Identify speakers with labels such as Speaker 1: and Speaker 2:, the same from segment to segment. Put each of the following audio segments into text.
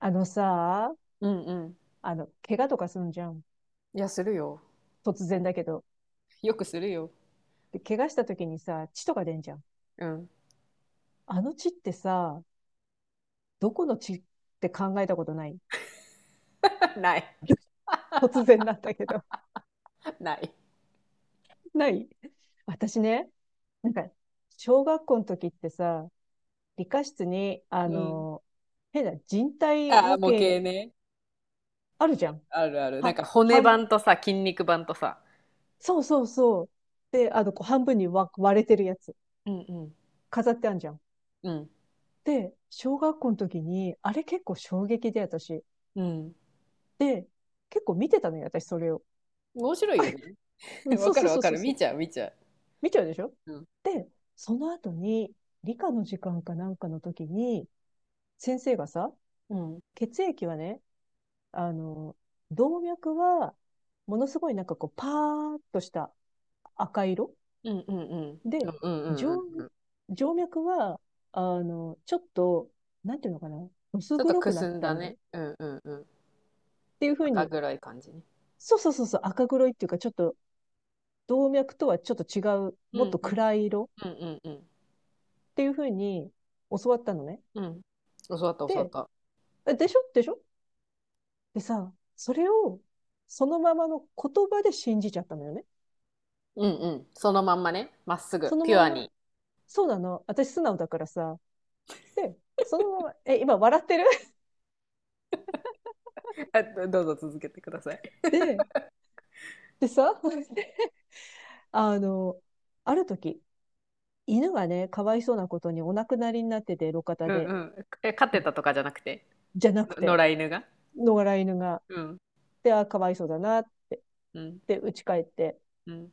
Speaker 1: あのさ、
Speaker 2: うんうん。
Speaker 1: 怪我とかすんじゃん。
Speaker 2: いや、するよ。
Speaker 1: 突然だけど。
Speaker 2: よくするよ。
Speaker 1: で、怪我した時にさ、血とか出んじゃん。
Speaker 2: うん。
Speaker 1: あの血ってさ、どこの血って考えたことない？
Speaker 2: ない。
Speaker 1: 突然なんだけど。
Speaker 2: ない。
Speaker 1: ない。私ね、なんか、小学校の時ってさ、理科室に、
Speaker 2: うん。
Speaker 1: 変な人体
Speaker 2: ああ、
Speaker 1: 模
Speaker 2: 模
Speaker 1: 型
Speaker 2: 型ね。
Speaker 1: あるじゃん。
Speaker 2: あるある。なん
Speaker 1: は、
Speaker 2: か骨
Speaker 1: 半、
Speaker 2: 盤とさ、筋肉盤とさ。
Speaker 1: そうそうそう。で、こう半分に割れてるやつ。
Speaker 2: うんうん。
Speaker 1: 飾ってあんじゃん。
Speaker 2: うん。
Speaker 1: で、小学校の時に、あれ結構衝撃で私。
Speaker 2: うん。
Speaker 1: で、結構見てたのよ、私それを。
Speaker 2: 面白いよね。
Speaker 1: う ん、
Speaker 2: わ
Speaker 1: そう
Speaker 2: か
Speaker 1: そ
Speaker 2: る
Speaker 1: う
Speaker 2: わ
Speaker 1: そう
Speaker 2: かる。
Speaker 1: そ
Speaker 2: 見
Speaker 1: う。
Speaker 2: ちゃう見ちゃ
Speaker 1: 見ちゃうでしょ。
Speaker 2: う。うん。
Speaker 1: で、その後に、理科の時間かなんかの時に、先生がさ、
Speaker 2: うん。
Speaker 1: 血液はね、あの、動脈は、ものすごいなんかこう、パーっとした赤色
Speaker 2: うんうんうん。う
Speaker 1: で、
Speaker 2: んうんう
Speaker 1: 静
Speaker 2: んうんうん。
Speaker 1: 静脈は、ちょっと、なんていうのかな、薄
Speaker 2: ちょっと
Speaker 1: 黒
Speaker 2: く
Speaker 1: くな
Speaker 2: す
Speaker 1: っ
Speaker 2: ん
Speaker 1: た
Speaker 2: だ
Speaker 1: 色っ
Speaker 2: ね。うんうんうん。
Speaker 1: ていう風
Speaker 2: 赤
Speaker 1: に、
Speaker 2: 黒い感じね。
Speaker 1: そうそうそうそう、赤黒いっていうか、ちょっと、動脈とはちょっと違う、
Speaker 2: う
Speaker 1: もっ
Speaker 2: ん
Speaker 1: と
Speaker 2: うん。
Speaker 1: 暗い色
Speaker 2: うんうんうん。
Speaker 1: っていうふうに教わったのね。
Speaker 2: うん。教わった教わっ
Speaker 1: で、
Speaker 2: た。
Speaker 1: でしょでしょ。でさ、それをそのままの言葉で信じちゃったのよね。
Speaker 2: うんうん。そのまんまね。まっす
Speaker 1: そ
Speaker 2: ぐ。
Speaker 1: の
Speaker 2: ピュ
Speaker 1: ま
Speaker 2: ア
Speaker 1: ま、
Speaker 2: に。
Speaker 1: そうなの。私素直だからさ。で、そのまま、今笑ってる？
Speaker 2: あどどうぞ続けてくださ い。
Speaker 1: で、でさ、あの、ある時、犬がね、かわいそうなことにお亡くなりになってて、路肩
Speaker 2: うん
Speaker 1: で。
Speaker 2: うん。え、飼ってたとかじゃなくて、
Speaker 1: じゃなく
Speaker 2: の
Speaker 1: て、
Speaker 2: 野良犬が。
Speaker 1: 野良犬が。
Speaker 2: うん。
Speaker 1: で、あ、かわいそうだなって。
Speaker 2: うん。
Speaker 1: で、家帰って、
Speaker 2: うん。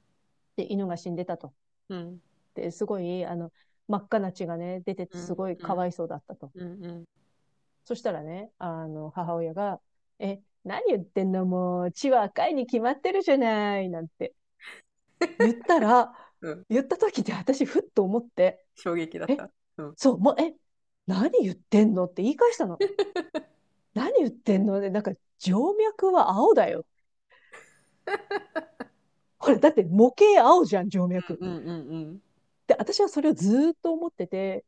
Speaker 1: で、犬が死んでたと。
Speaker 2: うん。
Speaker 1: って、すごい、真っ赤な血がね、出てて、
Speaker 2: う
Speaker 1: す
Speaker 2: ん。
Speaker 1: ごい
Speaker 2: う
Speaker 1: かわ
Speaker 2: ん。
Speaker 1: いそうだったと。
Speaker 2: うん。うん。
Speaker 1: そしたらね、母親が、何言ってんのもう、血は赤いに決まってるじゃない、なんて言ったら、
Speaker 2: うん
Speaker 1: 言った時で私、ふっと思って、
Speaker 2: 衝撃だっ
Speaker 1: え、
Speaker 2: た。うん。うん
Speaker 1: そう、もう、何言ってんのって言い返したの。何言ってんので、なんか、静脈は青だよ。ほら、だって模型青じゃん、静
Speaker 2: う
Speaker 1: 脈。
Speaker 2: んうんうん。
Speaker 1: で、私はそれをずーっと思ってて、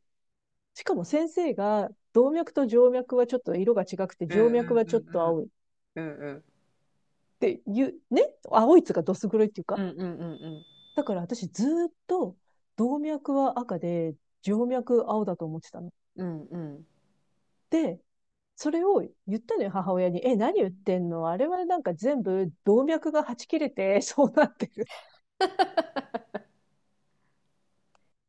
Speaker 1: しかも先生が、動脈と静脈はちょっと色が違くて、
Speaker 2: うん
Speaker 1: 静
Speaker 2: う
Speaker 1: 脈はちょっ
Speaker 2: んう
Speaker 1: と
Speaker 2: んうん。
Speaker 1: 青いっ
Speaker 2: うんうん
Speaker 1: ていう、ね、青いつかどす黒いっていう
Speaker 2: う
Speaker 1: か。
Speaker 2: んうん。
Speaker 1: だから私ずっと動脈は赤で、静脈青だと思ってたの。
Speaker 2: うんうんうん。
Speaker 1: で、それを言ったのよ、母親に。何
Speaker 2: う
Speaker 1: 言っ
Speaker 2: ん。
Speaker 1: てんの、あれはなんか全部動脈がはち切れてそうなってる。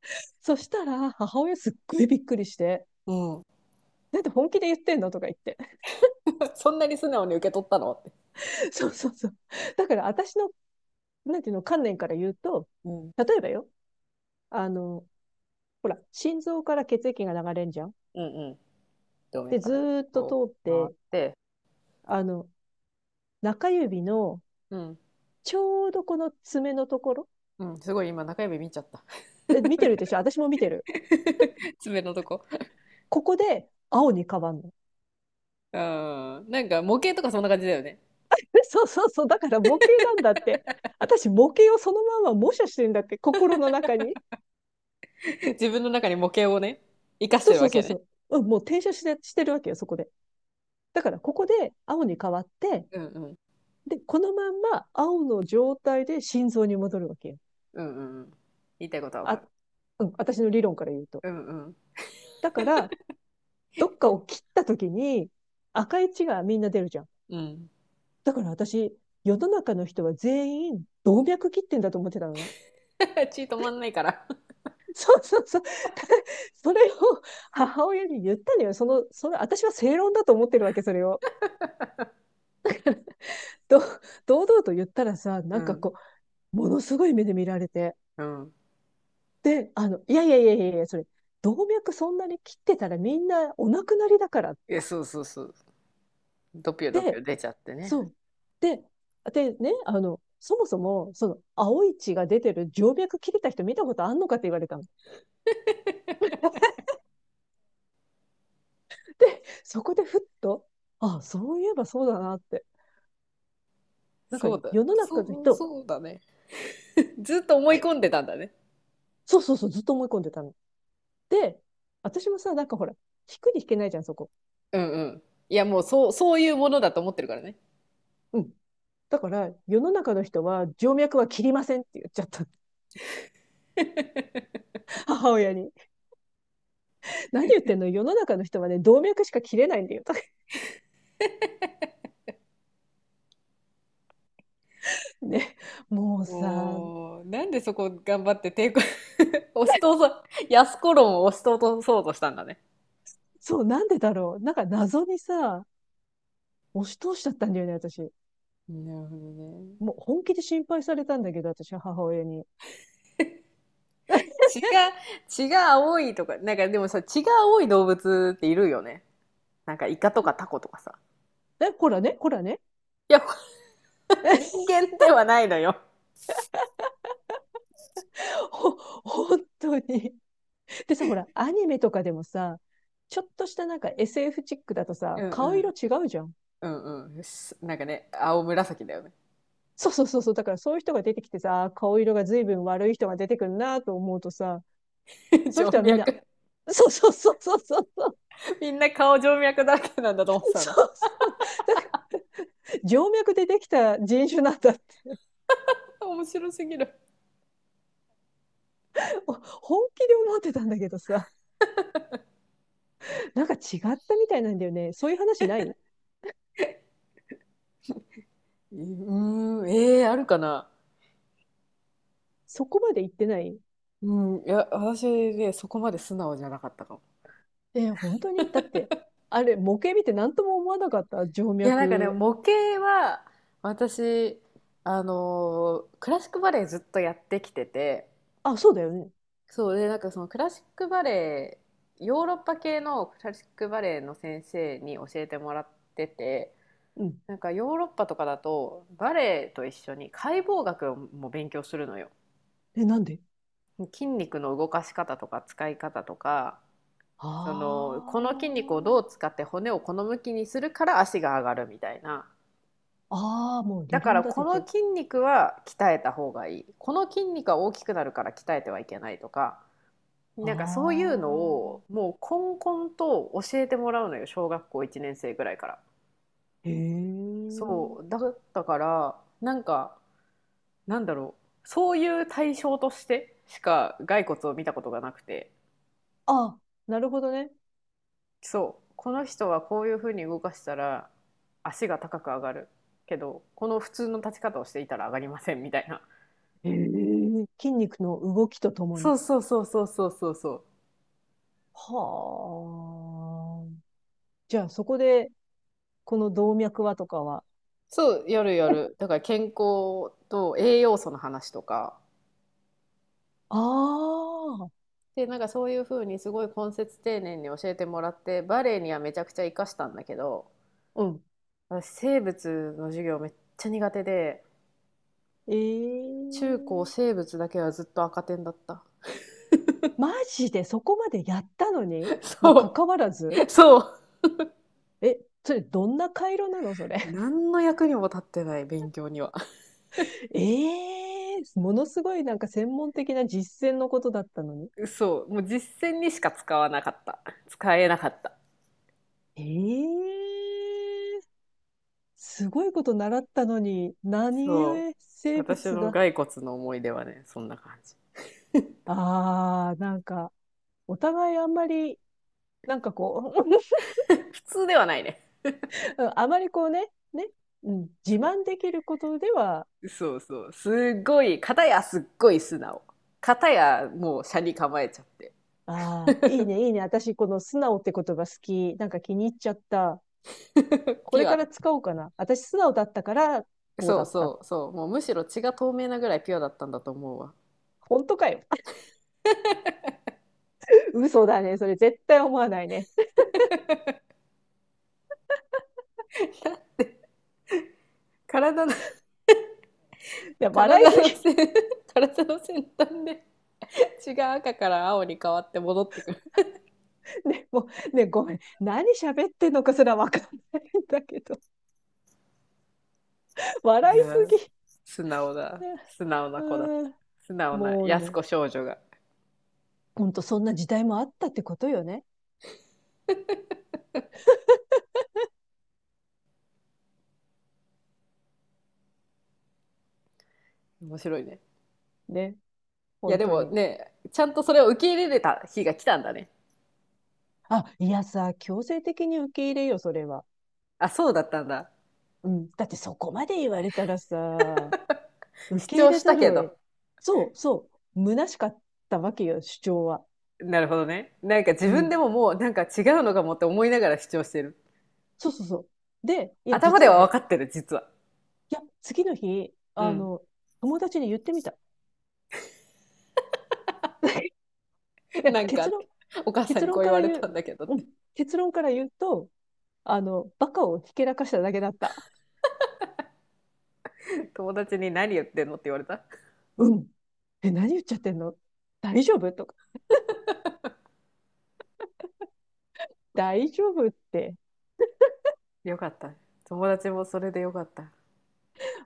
Speaker 1: そしたら、母親すっごいびっくりし
Speaker 2: うんうんうんうんうんうんうん
Speaker 1: て、
Speaker 2: うんうん、
Speaker 1: なんで本気で言ってんのとか言って。
Speaker 2: そんなに素直に受け取ったのって。
Speaker 1: そうそうそう。だから私の、なんていうの、観念から言うと、
Speaker 2: うん。
Speaker 1: 例えばよ、あの、ほら、心臓から血液が流れんじゃん。
Speaker 2: うんうん。動
Speaker 1: で、
Speaker 2: 脈か
Speaker 1: ず
Speaker 2: ら
Speaker 1: ーっと通
Speaker 2: こ
Speaker 1: っ
Speaker 2: う回っ
Speaker 1: て、
Speaker 2: て。
Speaker 1: あの、中指の
Speaker 2: うん。
Speaker 1: ちょうどこの爪のところ、
Speaker 2: うん。すごい今中指見ちゃった。
Speaker 1: 見てるでしょ？私も見てる。
Speaker 2: 爪のとこ。
Speaker 1: ここで青に変わんの。
Speaker 2: うん。なんか模型とかそんな感じだよね。
Speaker 1: そうそうそう。だから模型なんだって。私、模型をそのまま模写してるんだって、心の中に。
Speaker 2: 自分の中に模型をね、生かし
Speaker 1: そ
Speaker 2: て
Speaker 1: う
Speaker 2: る
Speaker 1: そ
Speaker 2: わ
Speaker 1: うそ
Speaker 2: け
Speaker 1: うそ
Speaker 2: ね。
Speaker 1: う。うん、もう転写してるわけよ、そこで。だから、ここで青に変わって、
Speaker 2: うんうん。
Speaker 1: で、このまんま青の状態で心臓に戻るわけよ。
Speaker 2: うんうんうん。言いたいことはわか
Speaker 1: あ、
Speaker 2: る。
Speaker 1: うん、私の理論から言うと。
Speaker 2: うんうん
Speaker 1: だから、どっかを切った時に赤い血がみんな出るじゃん。
Speaker 2: うん。
Speaker 1: だから私、世の中の人は全員動脈切ってんだと思ってたのね。
Speaker 2: 血止まんないから。
Speaker 1: そうそうそう。で、それを母親に言ったのよ。その、私は正論だと思ってるわけ、それを。ど堂々と言ったらさ、
Speaker 2: う
Speaker 1: なんか
Speaker 2: ん
Speaker 1: こう、ものすごい目で見られて。
Speaker 2: うん。
Speaker 1: で、いやいやいやいやいや、それ、動脈そんなに切ってたらみんなお亡くなりだからっ
Speaker 2: い
Speaker 1: て。
Speaker 2: や、そうそうそう。ドピョドピョ
Speaker 1: で、
Speaker 2: 出ちゃってね。
Speaker 1: そう。で、でね、そもそも、その、青い血が出てる静脈切れた人見たことあんのかって言われたの。で、そこでふっと、あ、そういえばそうだなって。なんか、
Speaker 2: そうだ。
Speaker 1: 世の
Speaker 2: そ
Speaker 1: 中の
Speaker 2: う、
Speaker 1: 人、
Speaker 2: そうだね。ずっと思い込んでたんだね。
Speaker 1: そうそうそう、ずっと思い込んでたの。で、私もさ、なんかほら、引くに引けないじゃん、そこ。
Speaker 2: うんうん。いや、もうそう、そういうものだと思ってるからね。
Speaker 1: うん。だから、世の中の人は、静脈は切りませんって言っちゃった。母親に。何言ってんの、世の中の人はね、動脈しか切れないんだよ。とかね。もうさ、
Speaker 2: もう、なんでそこ頑張って抵抗、押し通そう、安子論を押し通そうとしたんだね。
Speaker 1: そう、なんでだろう。なんか謎にさ、押し通しちゃったんだよね、私。
Speaker 2: なるほどね。
Speaker 1: もう本気で心配されたんだけど、私、母親に。
Speaker 2: 血が、血が青いとか、なんかでもさ、血が青い動物っているよね。なんかイカとかタコとかさ。
Speaker 1: え、こらね、こらね。
Speaker 2: いや、人 間ではないのよ。
Speaker 1: えほ、本当に。でさ、ほら、アニメとかでもさ、ちょっとしたなんか SF チックだと
Speaker 2: う
Speaker 1: さ、
Speaker 2: んう
Speaker 1: 顔色
Speaker 2: ん。
Speaker 1: 違うじゃん。
Speaker 2: うんうん。なんかね、青紫だよね。
Speaker 1: そうそうそうそう。だからそういう人が出てきてさ、あー顔色が随分悪い人が出てくるなと思うとさ、そうい
Speaker 2: 静
Speaker 1: う人はみん
Speaker 2: 脈。
Speaker 1: な、そうそうそうそうそうそう
Speaker 2: みんな顔静脈だらけなんだと思ってたな。
Speaker 1: そうそう。だから、静脈でできた人種なんだって。
Speaker 2: 面白すぎる。
Speaker 1: 本気で思ってたんだけどさ、なんか違ったみたいなんだよね。そういう話ない？
Speaker 2: うーん、えー、あるかな。
Speaker 1: そこまで言ってない？
Speaker 2: うん、いや、私ね、そこまで素直じゃなかったかも。
Speaker 1: 本当に、だって、あれ、模型見て何とも思わなかった、静
Speaker 2: いや、なんかね、
Speaker 1: 脈？
Speaker 2: 模型は、私、クラシックバレエずっとやってきてて、
Speaker 1: あ、そうだよね。
Speaker 2: そうでなんかそのクラシックバレエヨーロッパ系のクラシックバレエの先生に教えてもらってて、
Speaker 1: うん。
Speaker 2: なんかヨーロッパとかだとバレエと一緒に解剖学をも勉強するのよ。
Speaker 1: え、なんで？
Speaker 2: 筋肉の動かし方とか使い方とか、
Speaker 1: あ
Speaker 2: そのこの筋肉をどう
Speaker 1: あ。
Speaker 2: 使って骨をこの向きにするから足が上がるみたいな。
Speaker 1: ああ、もう
Speaker 2: だ
Speaker 1: 理
Speaker 2: か
Speaker 1: 論
Speaker 2: ら
Speaker 1: 立
Speaker 2: こ
Speaker 1: て
Speaker 2: の
Speaker 1: て。
Speaker 2: 筋肉は鍛えた方がいい、この筋肉は大きくなるから鍛えてはいけないとか、
Speaker 1: あ
Speaker 2: なんかそういうのを
Speaker 1: あ。
Speaker 2: もうこんこんと教えてもらうのよ、小学校1年生ぐらいから。
Speaker 1: へえ。
Speaker 2: そうだったから、なんかなんだろう、そういう対象としてしか骸骨を見たことがなくて、
Speaker 1: あ、なるほどね。
Speaker 2: そうこの人はこういうふうに動かしたら足が高く上がるけど、この普通の立ち方をしていたら上がりませんみたいな。
Speaker 1: へえ。筋肉の動きとともに。
Speaker 2: そうそうそうそうそうそうそう。
Speaker 1: はあ。じゃあ、そこで、この動脈はとかは？
Speaker 2: そうやるやる、だから健康と栄養素の話とか
Speaker 1: ああ、
Speaker 2: で、なんかそういう風にすごい根節丁寧に教えてもらって、バレエにはめちゃくちゃ活かしたんだけど、
Speaker 1: うん。
Speaker 2: 私生物の授業めっちゃ苦手で、
Speaker 1: え
Speaker 2: 中高
Speaker 1: え、
Speaker 2: 生物だけはずっと赤点だった。
Speaker 1: マジで？そこまでやったのに もう
Speaker 2: そ
Speaker 1: 関わらず？
Speaker 2: う、そう。
Speaker 1: え、それどんな回路なのそれ。
Speaker 2: 何の役にも立ってない勉強には。
Speaker 1: ええ、ものすごいなんか専門的な実践のことだったのに。
Speaker 2: そう、もう実践にしか使わなかった。使えなかった。
Speaker 1: ええ、すごいこと習ったのに、何
Speaker 2: そう。
Speaker 1: 故生
Speaker 2: 私
Speaker 1: 物
Speaker 2: の
Speaker 1: が。
Speaker 2: 骸骨の思い出はね、そんな感じ。
Speaker 1: ああ、なんか、お互いあんまり、なんかこう、
Speaker 2: 普通ではないね。
Speaker 1: あまりこうね、うん、自
Speaker 2: そ
Speaker 1: 慢できることでは。
Speaker 2: そうそう。すっごい、片やすっごい素直。片やもう斜に構えちゃって。
Speaker 1: ああ、いいね、いいね。私、この素直って言葉好き。なんか気に入っちゃった。こ
Speaker 2: ピ
Speaker 1: れ
Speaker 2: ュ
Speaker 1: から
Speaker 2: ア。
Speaker 1: 使おうかな。私、素直だったから、こう
Speaker 2: そ
Speaker 1: だ
Speaker 2: う
Speaker 1: った。
Speaker 2: そうそう。もうむしろ血が透明なぐらいピュアだったんだと思うわ。
Speaker 1: 本当かよ。嘘だね。それ絶対思わないね。
Speaker 2: 体の、
Speaker 1: いや、
Speaker 2: 体
Speaker 1: 笑いす
Speaker 2: の
Speaker 1: ぎ。
Speaker 2: 先、体の先端で血が赤から青に変わって戻ってくる。
Speaker 1: ね、もう、ね、ごめん。何喋ってんのかすらわかんないんだけど。
Speaker 2: い
Speaker 1: 笑い
Speaker 2: やー、
Speaker 1: す
Speaker 2: 素直
Speaker 1: ぎ。
Speaker 2: だ。素直な子だった。
Speaker 1: うん。
Speaker 2: 素直な
Speaker 1: もう
Speaker 2: 安
Speaker 1: ね、
Speaker 2: 子少女が。
Speaker 1: ほんとそんな時代もあったってことよね。
Speaker 2: 面白いね。
Speaker 1: ね、
Speaker 2: いや
Speaker 1: 本
Speaker 2: で
Speaker 1: 当
Speaker 2: も
Speaker 1: に。
Speaker 2: ね、ちゃんとそれを受け入れれた日が来たんだね。
Speaker 1: あ、いやさ、強制的に受け入れよ、それは。
Speaker 2: あ、そうだったんだ。
Speaker 1: うん。だってそこまで言われたらさ、受
Speaker 2: 主
Speaker 1: け入
Speaker 2: 張
Speaker 1: れ
Speaker 2: し
Speaker 1: ざ
Speaker 2: た
Speaker 1: る
Speaker 2: け
Speaker 1: を得、
Speaker 2: ど。
Speaker 1: そうそう、虚しかったわけよ、主張は。
Speaker 2: なるほどね。なんか自
Speaker 1: う
Speaker 2: 分
Speaker 1: ん。
Speaker 2: でももうなんか違うのかもって思いながら主張してる。
Speaker 1: そうそうそう。で、いや、
Speaker 2: 頭
Speaker 1: 実
Speaker 2: で
Speaker 1: は
Speaker 2: は
Speaker 1: ね、
Speaker 2: 分かってる、実は。
Speaker 1: いや、次の日、
Speaker 2: うん。
Speaker 1: 友達に言ってみた。い や
Speaker 2: なん
Speaker 1: 結
Speaker 2: か、
Speaker 1: 論、
Speaker 2: お母さん
Speaker 1: 結
Speaker 2: にこ
Speaker 1: 論
Speaker 2: う言
Speaker 1: か
Speaker 2: わ
Speaker 1: ら
Speaker 2: れ
Speaker 1: 言
Speaker 2: た
Speaker 1: う、
Speaker 2: んだけどっ
Speaker 1: う
Speaker 2: て。
Speaker 1: ん、結論から言うと、バカをひけらかしただけだった。
Speaker 2: 友達に何言ってんのって言われた。
Speaker 1: うん。何言っちゃってんの、大丈夫とか。大丈夫って、
Speaker 2: よかった。友達もそれでよかった。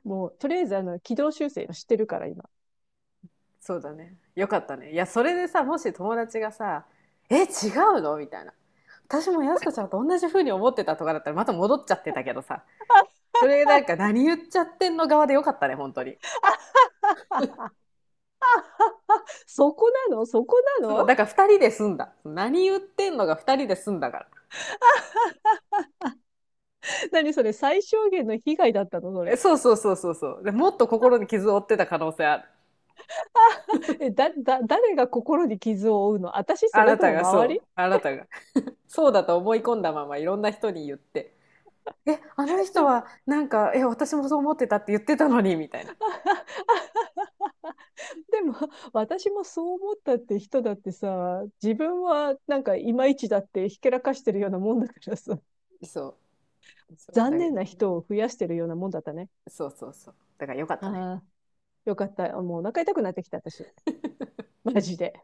Speaker 1: もう、とりあえず、軌道修正知してるから、今。
Speaker 2: そうだね。よかったね。いや、それでさ、もし友達がさ、え、違うのみたいな。私もやすこちゃんと同じ風に思ってたとかだったらまた戻っちゃってたけどさ。それなんか何言っちゃってんの側でよかったね、本当に。
Speaker 1: そこなのそこな
Speaker 2: そう、
Speaker 1: の。
Speaker 2: だから2人で済んだ。何言ってんのが2人で済んだから。
Speaker 1: 何それ？最小限の被害だったのそ
Speaker 2: え
Speaker 1: れ？
Speaker 2: そう そうそうそうそう。で、もっと心に傷を負ってた可能性ある。
Speaker 1: あ、え、誰が心に傷を負うの？私？そ
Speaker 2: あ
Speaker 1: れ
Speaker 2: な
Speaker 1: と
Speaker 2: た
Speaker 1: も
Speaker 2: がそ
Speaker 1: 周り？
Speaker 2: う。あなたが。そうだと思い込んだままいろんな人に言って。え、あの
Speaker 1: で
Speaker 2: 人
Speaker 1: も、
Speaker 2: はなんか、え、私もそう思ってたって言ってたのに、みたいな。
Speaker 1: あ、あ、でも、私もそう思ったって人だってさ、自分はなんかいまいちだってひけらかしてるようなもんだからさ、
Speaker 2: そう。そう、
Speaker 1: 残
Speaker 2: だけ
Speaker 1: 念
Speaker 2: ど、
Speaker 1: な人を増やしてるようなもんだったね。
Speaker 2: そうそうそう。だからよかったね。
Speaker 1: ああ、よかった。もうお腹痛くなってきた私。マジで。